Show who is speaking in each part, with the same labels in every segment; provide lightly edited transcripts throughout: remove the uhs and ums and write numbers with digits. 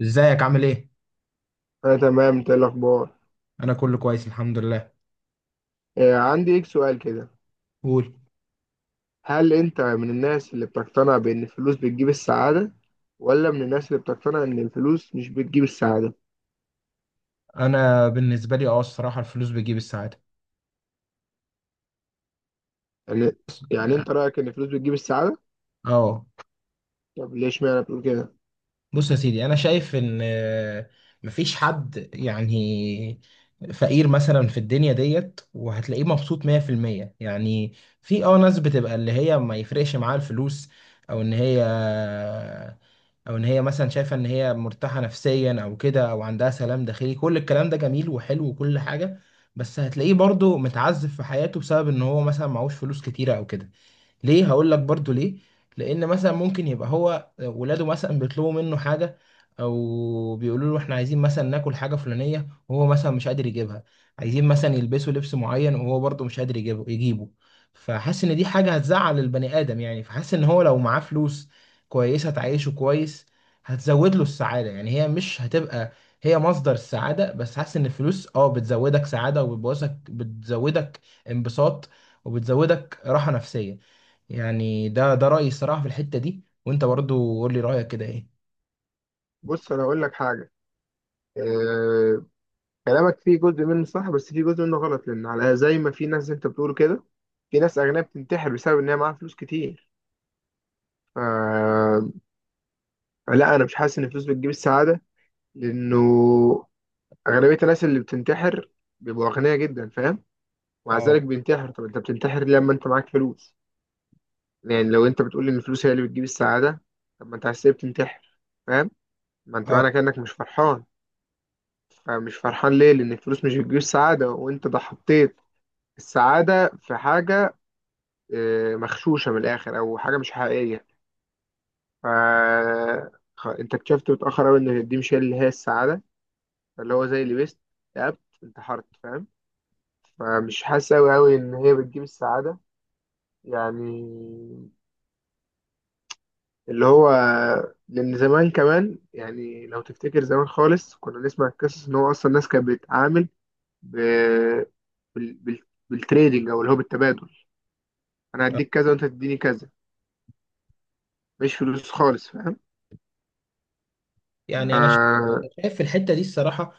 Speaker 1: ازيك عامل ايه؟
Speaker 2: أنا تمام. أنت إيه الأخبار؟
Speaker 1: انا كله كويس، الحمد لله.
Speaker 2: عندي ليك سؤال كده.
Speaker 1: قول.
Speaker 2: هل أنت من الناس اللي بتقتنع بأن الفلوس بتجيب السعادة، ولا من الناس اللي بتقتنع أن الفلوس مش بتجيب السعادة؟
Speaker 1: انا بالنسبه لي، الصراحه الفلوس بتجيب السعاده.
Speaker 2: يعني يعني أنت رأيك أن الفلوس بتجيب السعادة.
Speaker 1: اه.
Speaker 2: طب ليش معنى بتقول كده؟
Speaker 1: بص يا سيدي، انا شايف ان مفيش حد، يعني فقير مثلا في الدنيا ديت، وهتلاقيه مبسوط 100%، يعني في ناس بتبقى اللي هي ما يفرقش معاها الفلوس، او ان هي او ان هي مثلا شايفه ان هي مرتاحه نفسيا او كده، او عندها سلام داخلي، كل الكلام ده جميل وحلو وكل حاجه. بس هتلاقيه برضه متعذب في حياته بسبب ان هو مثلا معهوش فلوس كتيره او كده. ليه؟ هقول لك برضو ليه. لان مثلا ممكن يبقى هو ولاده مثلا بيطلبوا منه حاجه، او بيقولوا له احنا عايزين مثلا ناكل حاجه فلانيه، وهو مثلا مش قادر يجيبها. عايزين مثلا يلبسوا لبس معين، وهو برضو مش قادر يجيبه. فحاسس ان دي حاجه هتزعل البني ادم، يعني فحاسس ان هو لو معاه فلوس كويسه تعيشه كويس، هتزود له السعاده. يعني هي مش هتبقى هي مصدر السعاده، بس حاسس ان الفلوس بتزودك سعاده، وبتبوظك بتزودك انبساط، وبتزودك راحه نفسيه. يعني ده رأيي الصراحة في الحتة دي، وانت برضو قول لي رأيك كده ايه.
Speaker 2: بص، أنا هقول لك حاجة. آه، كلامك فيه جزء منه صح بس فيه جزء منه غلط، لأن على زي ما في ناس زي أنت بتقول كده، في ناس أغنياء بتنتحر بسبب إن هي معاها فلوس كتير. آه، لا، أنا مش حاسس إن الفلوس بتجيب السعادة. لأنه اغلبيه الناس اللي بتنتحر بيبقوا اغنياء جدا، فاهم. ومع
Speaker 1: اه.
Speaker 2: ذلك بينتحر. طب انت بتنتحر ليه لما انت معاك فلوس؟ يعني لو انت بتقول ان الفلوس هي اللي بتجيب السعاده، طب ما انت عايز ليه بتنتحر؟ فاهم. ما انت
Speaker 1: اه.
Speaker 2: معنى كانك مش فرحان. فمش فرحان ليه؟ لان الفلوس مش بتجيب السعاده، وانت ده حطيت السعاده في حاجه مغشوشه من الاخر او حاجه مش حقيقيه. ف انت اكتشفت متاخر قوي ان دي مش هي اللي هي السعاده. فاللي هو زي اللي بيست اكتئبت انتحرت، فاهم. فمش حاسس قوي قوي ان هي بتجيب السعاده. يعني اللي هو لأن زمان كمان، يعني لو تفتكر زمان خالص، كنا نسمع القصص إن هو أصلا الناس كانت بتتعامل ب... بال... بال... بالتريدنج أو اللي هو بالتبادل. أنا
Speaker 1: آه.
Speaker 2: هديك كذا وأنت تديني كذا، مش فلوس خالص، فاهم.
Speaker 1: يعني انا
Speaker 2: آه،
Speaker 1: شايف في الحته دي الصراحه،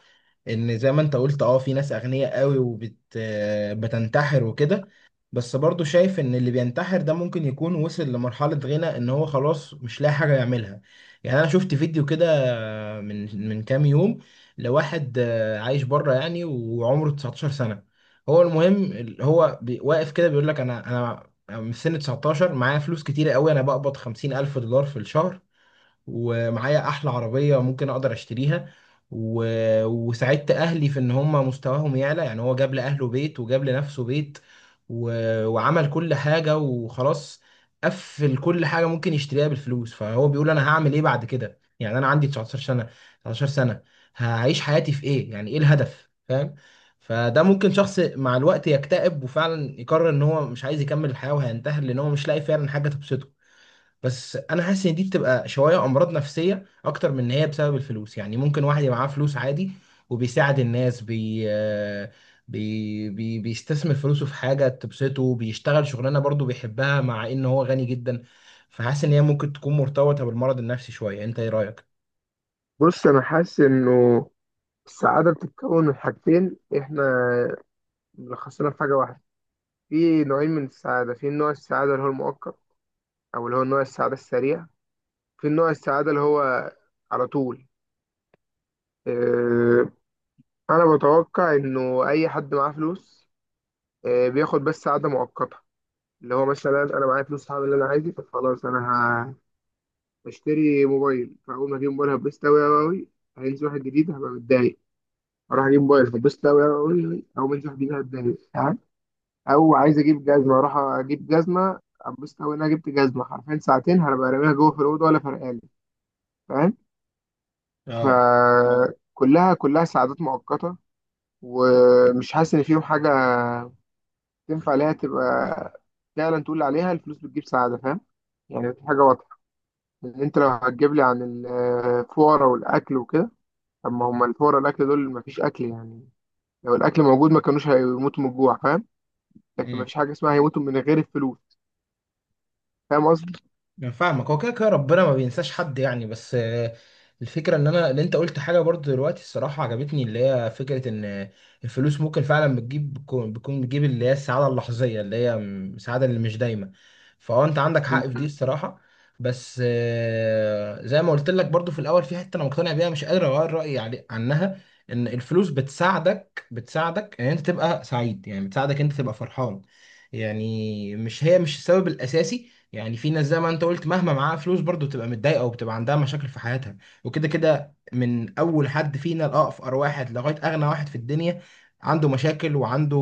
Speaker 1: ان زي ما انت قلت، اه في ناس اغنياء قوي وبت آه، بتنتحر وكده. بس برضو شايف ان اللي بينتحر ده ممكن يكون وصل لمرحلة غنى، ان هو خلاص مش لاقي حاجة يعملها. يعني انا شفت فيديو كده من كام يوم، لواحد عايش بره يعني، وعمره 19 سنة. هو المهم واقف كده بيقول لك انا من سن 19، معايا فلوس كتيرة قوي، انا بقبض 50 الف دولار في الشهر، ومعايا احلى عربية ممكن اقدر اشتريها. و... وساعدت اهلي في ان هم مستواهم يعلى، يعني هو جاب لاهله بيت وجاب لنفسه بيت. و... وعمل كل حاجة، وخلاص قفل كل حاجة ممكن يشتريها بالفلوس. فهو بيقول انا هعمل ايه بعد كده، يعني انا عندي 19 سنة، 19 سنة، هعيش حياتي في ايه، يعني ايه الهدف، فاهم؟ فده ممكن شخص مع الوقت يكتئب، وفعلا يقرر ان هو مش عايز يكمل الحياة وهينتحر، لان هو مش لاقي فعلا حاجة تبسطه. بس انا حاسس ان دي بتبقى شويه امراض نفسيه اكتر من ان هي بسبب الفلوس، يعني ممكن واحد يبقى معاه فلوس عادي، وبيساعد الناس بي بي بي بيستثمر فلوسه في حاجه تبسطه، بيشتغل شغلانه برضه بيحبها، مع ان هو غني جدا. فحاسس ان هي ممكن تكون مرتبطه بالمرض النفسي شويه، انت ايه رايك؟
Speaker 2: بص، أنا حاسس إنه السعادة بتتكون من حاجتين. إحنا ملخصينها في حاجة واحدة. في نوعين من السعادة: في نوع السعادة اللي هو المؤقت، أو اللي هو نوع السعادة السريع. في نوع السعادة اللي هو على طول. آه، انا بتوقع انه اي حد معاه فلوس بياخد بس قعده مؤقته. اللي هو مثلا انا معايا فلوس، هعمل اللي انا عايزه. طب خلاص، انا هشتري موبايل. فاول ما اجيب موبايل هتبسط قوي قوي قوي. هينزل واحد جديد هبقى متضايق. اروح اجيب موبايل هتبسط قوي قوي قوي، او منزل واحد جديد هتضايق، فاهم؟ او عايز اجيب جزمه، اروح اجيب جزمه، اتبسط قوي ان انا جبت جزمه، حرفيا ساعتين هبقى راميها جوه في الاوضه ولا فرقالي، فاهم.
Speaker 1: اه.
Speaker 2: فكلها كلها كلها سعادات مؤقته. ومش حاسس ان فيهم حاجه تنفع ليها تبقى فعلا تقول عليها الفلوس بتجيب سعادة، فاهم. يعني في حاجة واضحة، إن أنت لو هتجيب لي عن الفقراء والأكل وكده، طب ما هم الفقراء والأكل دول مفيش أكل يعني. لو الأكل موجود ما كانوش هيموتوا من الجوع، فاهم. لكن مفيش حاجة اسمها هيموتوا من غير الفلوس. فاهم قصدي؟
Speaker 1: انا فاهمك، هو كده كده ربنا ما بينساش حد يعني، بس الفكره ان انا اللي انت قلت حاجه برضو دلوقتي الصراحه عجبتني، اللي هي فكره ان الفلوس ممكن فعلا بتجيب بتكون بتكون بتجيب اللي هي السعاده اللحظيه، اللي هي السعاده اللي مش دايمه. فهو انت عندك
Speaker 2: مم.
Speaker 1: حق في دي الصراحه. بس زي ما قلت لك برضو في الاول، في حته انا مقتنع بيها مش قادر اغير رايي علي عنها، ان الفلوس بتساعدك ان انت تبقى سعيد، يعني بتساعدك انت تبقى فرحان. يعني مش هي مش السبب الاساسي، يعني في ناس زي ما انت قلت مهما معاها فلوس برضو بتبقى متضايقه، وبتبقى عندها مشاكل في حياتها. وكده كده من اول حد فينا لاقفر واحد، لغايه اغنى واحد في الدنيا، عنده مشاكل وعنده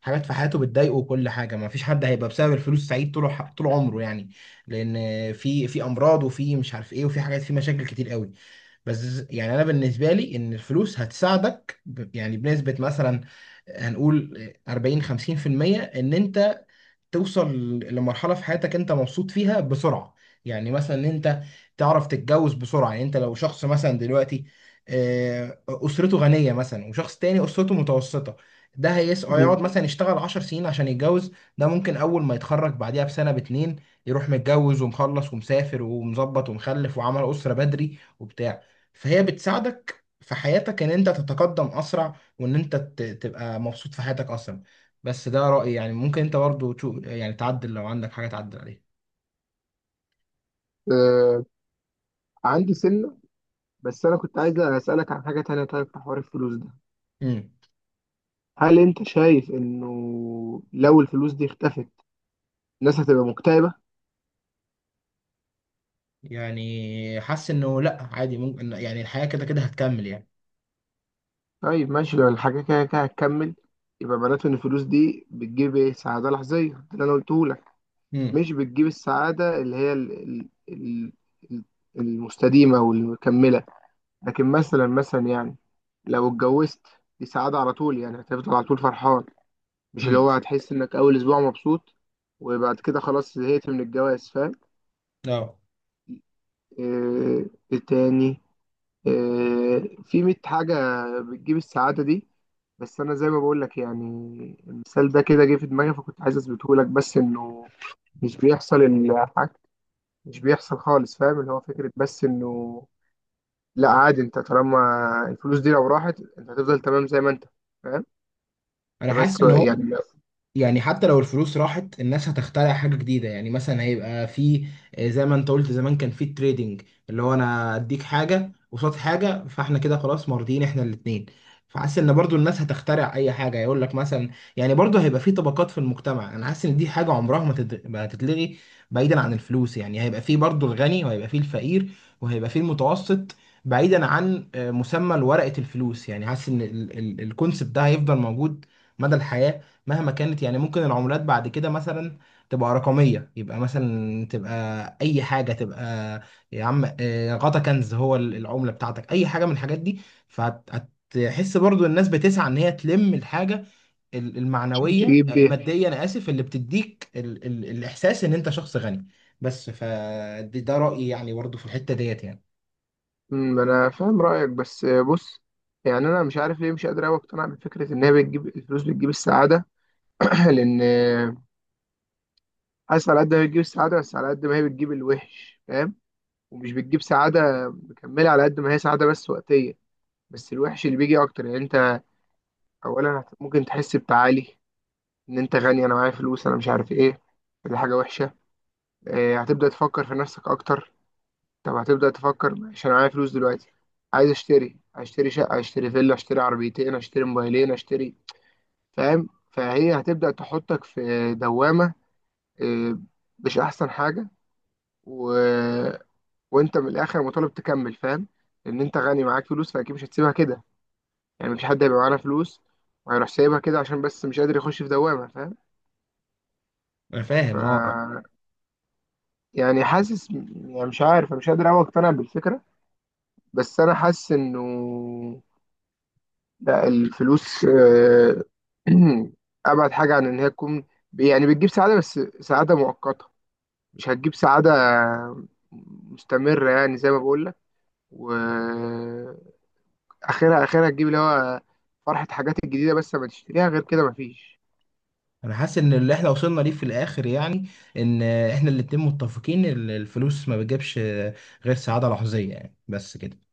Speaker 1: حاجات في حياته بتضايقه وكل حاجه. ما فيش حد هيبقى بسبب الفلوس سعيد طول طول عمره يعني، لان في امراض، وفي مش عارف ايه، وفي حاجات في مشاكل كتير قوي. بس يعني انا بالنسبه لي، ان الفلوس هتساعدك يعني بنسبه مثلا هنقول 40 50% ان انت توصل لمرحلة في حياتك انت مبسوط فيها بسرعة. يعني مثلا ان انت تعرف تتجوز بسرعة، يعني انت لو شخص مثلا دلوقتي اسرته غنية مثلا، وشخص تاني اسرته متوسطة، ده
Speaker 2: مم.
Speaker 1: هيقعد مثلا يشتغل 10 سنين عشان يتجوز. ده ممكن اول ما يتخرج بعديها بسنة باتنين، يروح متجوز ومخلص ومسافر ومظبط ومخلف وعمل أسرة بدري وبتاع. فهي بتساعدك في حياتك ان انت تتقدم اسرع، وان انت تبقى مبسوط في حياتك اسرع. بس ده رأيي، يعني ممكن انت برضو تشوف، يعني تعدل لو عندك حاجة تعدل عليها.
Speaker 2: آه، عندي سنة. بس أنا كنت عايز أسألك عن حاجة تانية. طيب في حوار الفلوس ده،
Speaker 1: امم.
Speaker 2: هل أنت شايف إنه لو الفلوس دي اختفت، الناس هتبقى مكتئبة؟
Speaker 1: يعني حاسس انه لا عادي، ممكن يعني الحياة كده كده هتكمل يعني.
Speaker 2: طيب ماشي، لو الحاجة كده كده هتكمل، يبقى معناته إن الفلوس دي بتجيب إيه؟ سعادة لحظية، ده اللي أنا قلته لك.
Speaker 1: امم.
Speaker 2: مش بتجيب السعادة اللي هي ال- المستديمة والمكملة. لكن مثلا، مثلا يعني لو اتجوزت، دي سعادة على طول، يعني هتفضل على طول فرحان. مش اللي
Speaker 1: امم.
Speaker 2: هو هتحس إنك أول أسبوع مبسوط وبعد كده خلاص زهقت من الجواز، فاهم؟
Speaker 1: اه.
Speaker 2: إيه إيه تاني؟ في 100 حاجة بتجيب السعادة دي. بس أنا زي ما بقول لك يعني، المثال ده كده جه في دماغي، فكنت عايز أثبته لك، بس إنه مش بيحصل الحاجة، مش بيحصل خالص، فاهم. اللي هو فكرة، بس إنه لا عادي، أنت طالما الفلوس دي لو راحت أنت هتفضل تمام زي ما أنت، فاهم.
Speaker 1: انا
Speaker 2: أنت
Speaker 1: حاسس
Speaker 2: بس
Speaker 1: ان
Speaker 2: يعني
Speaker 1: يعني حتى لو الفلوس راحت، الناس هتخترع حاجة جديدة، يعني مثلا هيبقى في زي ما انت قلت زمان كان في التريدنج، اللي هو انا اديك حاجة قصاد حاجة، فاحنا كده خلاص مرضيين احنا الاتنين. فحاسس ان برضو الناس هتخترع اي حاجة يقول لك مثلا، يعني برضو هيبقى في طبقات في المجتمع، انا حاسس ان دي حاجة عمرها ما هتتلغي. بعيدا عن الفلوس، يعني هيبقى في برضو الغني، وهيبقى في الفقير، وهيبقى في المتوسط. بعيدا عن مسمى ورقة الفلوس، يعني حاسس ان الكونسبت ده هيفضل موجود مدى الحياة. مهما كانت، يعني ممكن العملات بعد كده مثلا تبقى رقمية، يبقى مثلا تبقى أي حاجة تبقى يا عم، غطا كنز، هو العملة بتاعتك، أي حاجة من الحاجات دي. فهتحس برضو الناس بتسعى إن هي تلم الحاجة
Speaker 2: مش
Speaker 1: المعنوية
Speaker 2: تجيب بيها.
Speaker 1: المادية، أنا آسف، اللي بتديك ال ال الإحساس إن أنت شخص غني. بس فده رأيي، يعني برضو في الحتة ديت يعني.
Speaker 2: أمم، أنا فاهم رأيك بس، بص، يعني أنا مش عارف ليه مش قادر أوي أقتنع بفكرة إن هي بتجيب الفلوس بتجيب السعادة. لأن حاسس على قد ما بتجيب السعادة، بس على قد ما هي بتجيب الوحش، فاهم. ومش بتجيب سعادة مكملة، على قد ما هي سعادة بس وقتية. بس الوحش اللي بيجي أكتر، يعني أنت أولا ممكن تحس بتعالي، إن أنت غني، أنا معايا فلوس، أنا مش عارف إيه. دي حاجة وحشة. هتبدأ تفكر في نفسك أكتر. طب هتبدأ تفكر ماشي أنا معايا فلوس دلوقتي، عايز أشتري، هشتري شقة، هشتري فيلا، هشتري عربيتين، هشتري موبايلين، هشتري، فاهم. فهي هتبدأ تحطك في دوامة آه، مش أحسن حاجة. و وانت من الاخر مطالب تكمل، فاهم. لان انت غني معاك فلوس، فاكيد مش هتسيبها كده. يعني مفيش حد هيبقى معانا فلوس وهيروح سايبها كده عشان بس مش قادر يخش في دوامه، فاهم.
Speaker 1: أنا
Speaker 2: ف
Speaker 1: فاهم، أه.
Speaker 2: يعني حاسس، يعني مش عارف، مش قادر اوي اقتنع بالفكره. بس انا حاسس انه لا، الفلوس ابعد حاجه عن ان هي تكون يعني بتجيب سعاده، بس سعاده مؤقته. مش هتجيب سعاده مستمره، يعني زي ما بقول لك. و اخرها تجيب اللي هو فرحة حاجات الجديدة، بس ما تشتريها غير كده مفيش.
Speaker 1: انا حاسس ان اللي احنا وصلنا ليه في الاخر، يعني ان احنا الاتنين متفقين ان الفلوس ما بتجيبش غير سعادة لحظية، يعني بس كده.